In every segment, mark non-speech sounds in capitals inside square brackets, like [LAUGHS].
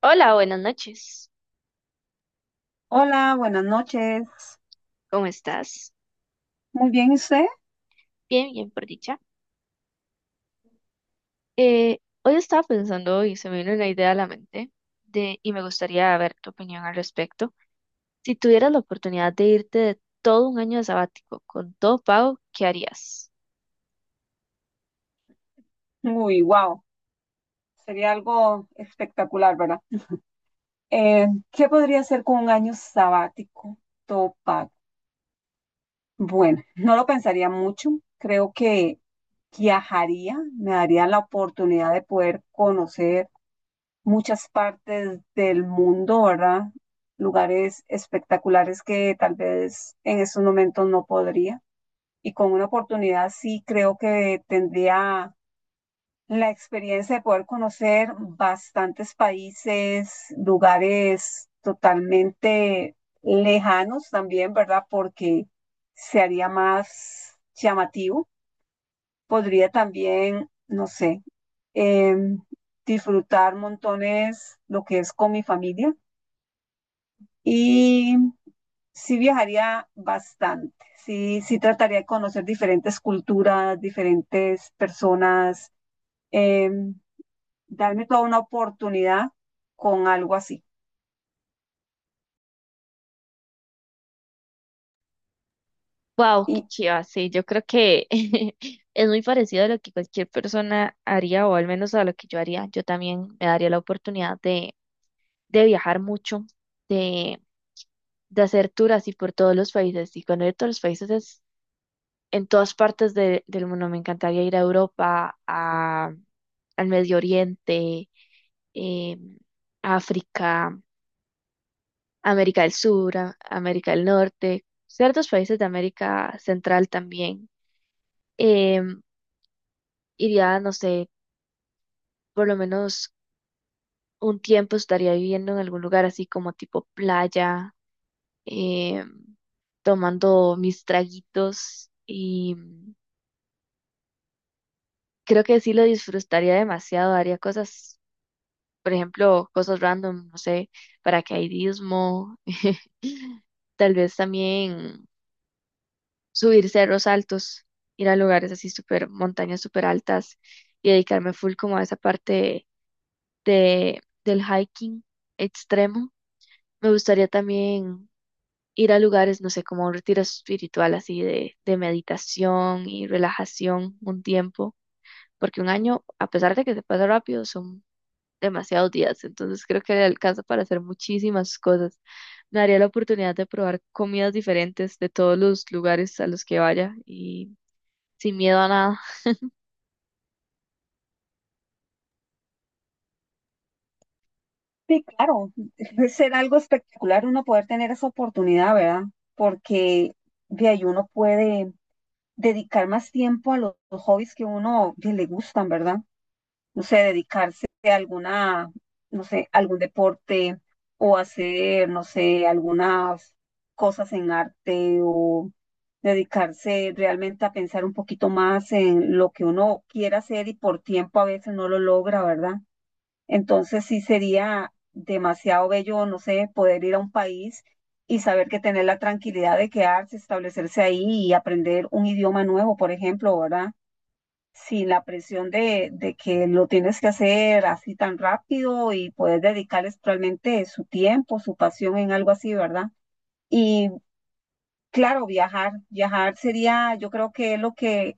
Hola, buenas noches. Hola, buenas noches. ¿Cómo estás? Muy bien, ¿y usted? Bien, bien, por dicha. Hoy estaba pensando y se me vino una idea a la mente y me gustaría ver tu opinión al respecto. Si tuvieras la oportunidad de irte de todo un año de sabático con todo pago, ¿qué harías? Uy, wow. Sería algo espectacular, ¿verdad? ¿Qué podría hacer con un año sabático todo pago? Bueno, no lo pensaría mucho. Creo que viajaría, me daría la oportunidad de poder conocer muchas partes del mundo, ¿verdad? Lugares espectaculares que tal vez en estos momentos no podría. Y con una oportunidad sí creo que tendría la experiencia de poder conocer bastantes países, lugares totalmente lejanos también, ¿verdad? Porque se haría más llamativo. Podría también, no sé, em, disfrutar montones lo que es con mi familia y sí viajaría bastante. Sí, sí trataría de conocer diferentes culturas, diferentes personas. em, Darme toda una oportunidad con algo así. Wow, qué Y chiva, sí, yo creo que [LAUGHS] es muy parecido a lo que cualquier persona haría o al menos a lo que yo haría. Yo también me daría la oportunidad de viajar mucho, de, de hacer tours así por todos los países y cuando ir a todos los países en todas partes del mundo. Me encantaría ir a Europa, al Medio Oriente, eh, África, América del Sur, América del Norte, ciertos países de América Central también. Em, Iría, no sé, por lo menos un tiempo estaría viviendo en algún lugar así como tipo playa, em, tomando mis traguitos y creo que sí lo disfrutaría demasiado, haría cosas. Por ejemplo, cosas random, no sé, paracaidismo, [LAUGHS] tal vez también subir cerros altos, ir a lugares así súper, montañas súper altas y dedicarme full como a esa parte del hiking extremo. Me gustaría también ir a lugares, no sé, como un retiro espiritual así de meditación y relajación un tiempo, porque un año, a pesar de que se pasa rápido, son demasiados días, entonces creo que le alcanza para hacer muchísimas cosas. Me daría la oportunidad de probar comidas diferentes de todos los lugares a los que vaya y sin miedo a nada. sí, claro, [LAUGHS] debe ser algo espectacular uno poder tener esa oportunidad, ¿verdad? Porque de ahí uno puede dedicar más tiempo a los hobbies que uno que le gustan, ¿verdad? No sé, dedicarse a alguna, no sé, algún deporte o hacer, no sé, algunas cosas en arte o dedicarse realmente a pensar un poquito más en lo que uno quiera hacer y por tiempo a veces no lo logra, ¿verdad? Entonces sí sería demasiado bello, no sé, poder ir a un país y saber que tener la tranquilidad de quedarse, establecerse ahí y aprender un idioma nuevo, por ejemplo, ¿verdad? Sin la presión de que lo tienes que hacer así tan rápido y poder dedicarles realmente su tiempo, su pasión en algo así, ¿verdad? Y claro, viajar, viajar sería, yo creo que es lo que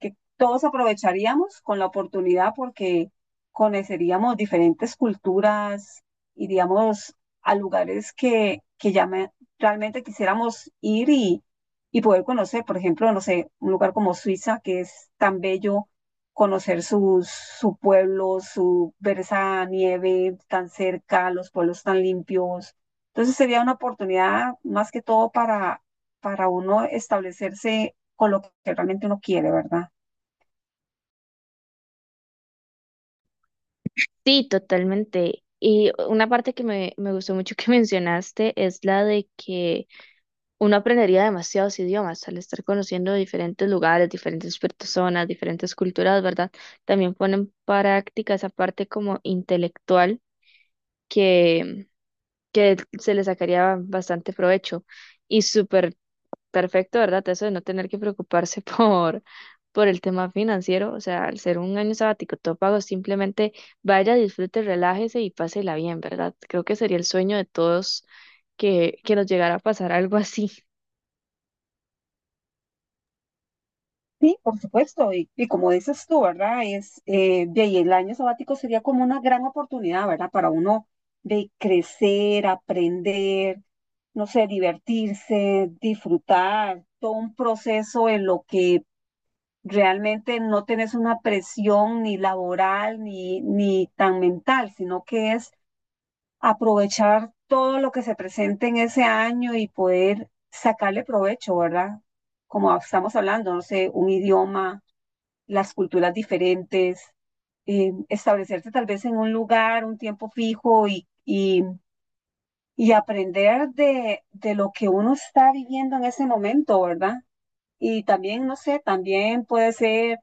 que todos aprovecharíamos con la oportunidad porque conoceríamos diferentes culturas, iríamos a lugares realmente quisiéramos ir y poder conocer, por ejemplo, no sé, un lugar como Suiza, que es tan bello, conocer sus, su pueblo, su, ver esa nieve tan cerca, los pueblos tan limpios. Entonces sería una oportunidad más que todo para uno establecerse con lo que realmente uno quiere, ¿verdad? Sí, totalmente. Y una parte que me gustó mucho que [LAUGHS] mencionaste es la de que uno aprendería demasiados idiomas al estar conociendo diferentes lugares, diferentes personas, diferentes culturas, ¿verdad? También ponen en práctica esa parte como intelectual que que se le sacaría bastante provecho y súper perfecto, ¿verdad? Eso de no tener que preocuparse [LAUGHS] por el tema financiero, o sea, al ser un año sabático todo pago, simplemente vaya, disfrute, relájese y pásela bien, ¿verdad? Creo que sería el sueño de todos que nos llegara a pasar algo así. Por supuesto, y como dices tú, ¿verdad? Es, de ahí el año sabático sería como una gran oportunidad, ¿verdad? Para uno de crecer, aprender, no sé, divertirse, disfrutar, todo un proceso en lo que realmente no tenés una presión ni laboral ni tan mental, sino que es aprovechar todo lo que se presente en ese año y poder sacarle provecho, ¿verdad? Como estamos hablando, no sé, un idioma, las culturas diferentes, establecerse tal vez en un lugar, un tiempo fijo y aprender de lo que uno está viviendo en ese momento, ¿verdad? Y también, no sé, también puede ser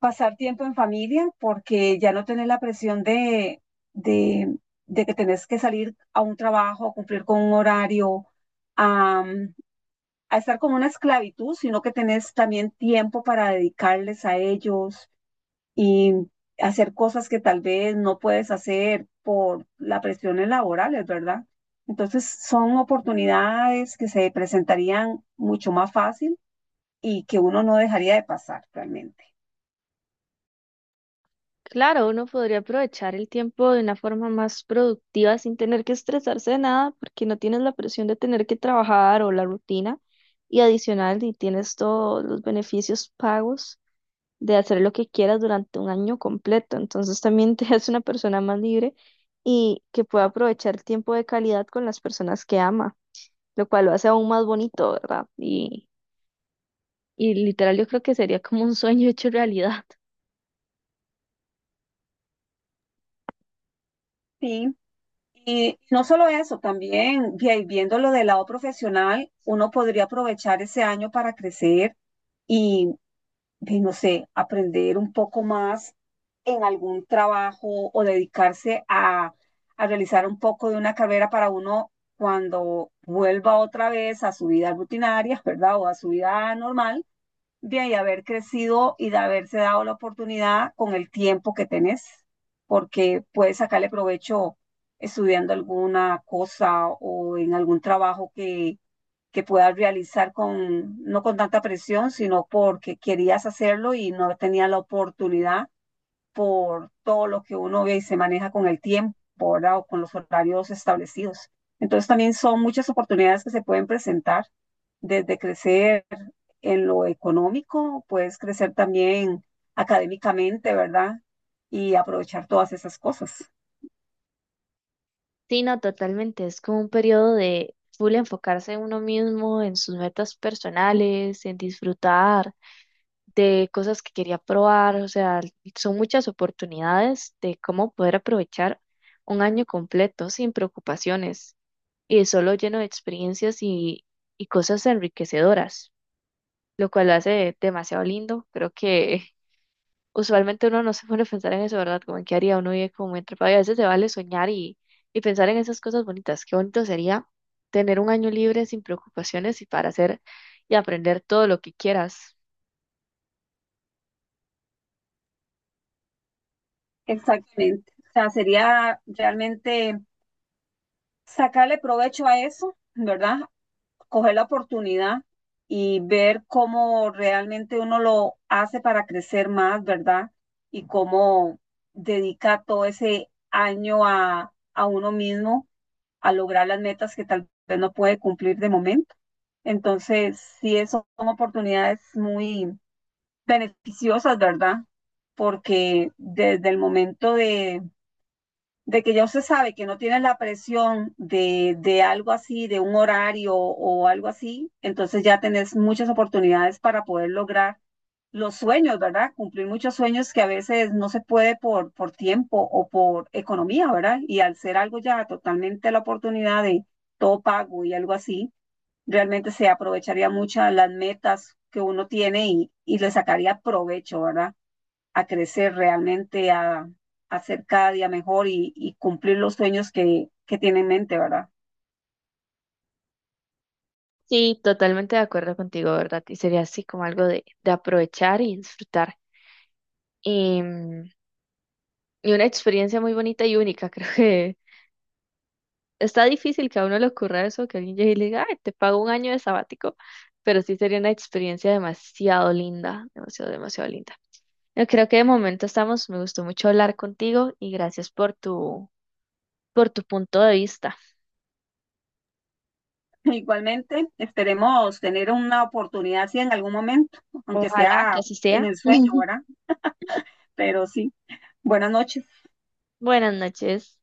pasar tiempo en familia porque ya no tenés la presión de, de que tenés que salir a un trabajo, a cumplir con un horario, a, a estar como una esclavitud, sino que tenés también tiempo para dedicarles a ellos y hacer cosas que tal vez no puedes hacer por las presiones laborales, ¿verdad? Entonces son oportunidades que se presentarían mucho más fácil y que uno no dejaría de pasar realmente. Claro, uno podría aprovechar el tiempo de una forma más productiva sin tener que estresarse de nada, porque no tienes la presión de tener que trabajar o la rutina. Y adicional, y tienes todos los beneficios pagos de hacer lo que quieras durante un año completo. Entonces también te [LAUGHS] hace una persona más libre y que pueda aprovechar el tiempo de calidad con las personas que ama, lo cual lo hace aún más bonito, ¿verdad? Y literal, yo creo que sería como un sueño hecho realidad. Sí. Y no solo eso, también viéndolo del lado profesional, uno podría aprovechar ese año para crecer y, y no sé, aprender un poco más en algún trabajo o dedicarse a realizar un poco de una carrera para uno cuando vuelva otra vez a su vida rutinaria, ¿verdad? O a su vida normal, de ahí haber crecido y de haberse dado la oportunidad con el tiempo que tenés, porque puedes sacarle provecho estudiando alguna cosa o en algún trabajo que puedas realizar con, no con tanta presión, sino porque querías hacerlo y no tenías la oportunidad por todo lo que uno ve y se maneja con el tiempo, ¿verdad? O con los horarios establecidos. Entonces también son muchas oportunidades que se pueden presentar, desde crecer en lo económico, puedes crecer también académicamente, ¿verdad? Y aprovechar todas esas cosas. Sí, no, totalmente. Es como un periodo de full enfocarse en uno mismo, en sus metas personales, en disfrutar de cosas que quería probar. O sea, son muchas oportunidades de cómo poder aprovechar un año completo sin preocupaciones y solo lleno de experiencias y cosas enriquecedoras, lo cual lo hace demasiado lindo. Creo que usualmente uno no se pone a pensar en eso, ¿verdad? Como en qué haría uno vive como entre país. A veces se vale soñar y pensar en esas cosas bonitas. Qué bonito sería tener un año libre sin preocupaciones y para hacer y aprender todo lo que quieras. Exactamente. O sea, sería realmente sacarle provecho a eso, ¿verdad? Coger la oportunidad y ver cómo realmente uno lo hace para crecer más, ¿verdad? Y cómo dedica todo ese año a uno mismo a lograr las metas que tal vez no puede cumplir de momento. Entonces, sí, eso son oportunidades muy beneficiosas, ¿verdad? Porque desde el momento de que ya usted sabe que no tienes la presión de algo así, de un horario o algo así, entonces ya tenés muchas oportunidades para poder lograr los sueños, ¿verdad? Cumplir muchos sueños que a veces no se puede por tiempo o por economía, ¿verdad? Y al ser algo ya totalmente la oportunidad de todo pago y algo así, realmente se aprovecharía muchas las metas que uno tiene y le sacaría provecho, ¿verdad? A crecer realmente, a ser cada día mejor y cumplir los sueños que tiene en mente, ¿verdad? Sí, totalmente de acuerdo contigo, ¿verdad? Y sería así como algo de aprovechar y disfrutar. Y, mm, y una experiencia muy bonita y única, [LAUGHS] creo que está difícil que a uno le ocurra eso, que alguien llegue y le diga, ay, te pago un año de sabático, pero sí sería una experiencia demasiado linda, demasiado, demasiado linda. Yo creo que de momento estamos, me gustó mucho hablar contigo y gracias por por tu punto de vista. [LAUGHS] Igualmente, esperemos tener una oportunidad, sí, en algún momento, aunque Ojalá que sea así en sea. el sueño, [LAUGHS] ¿verdad? Pero sí, buenas noches. Buenas noches.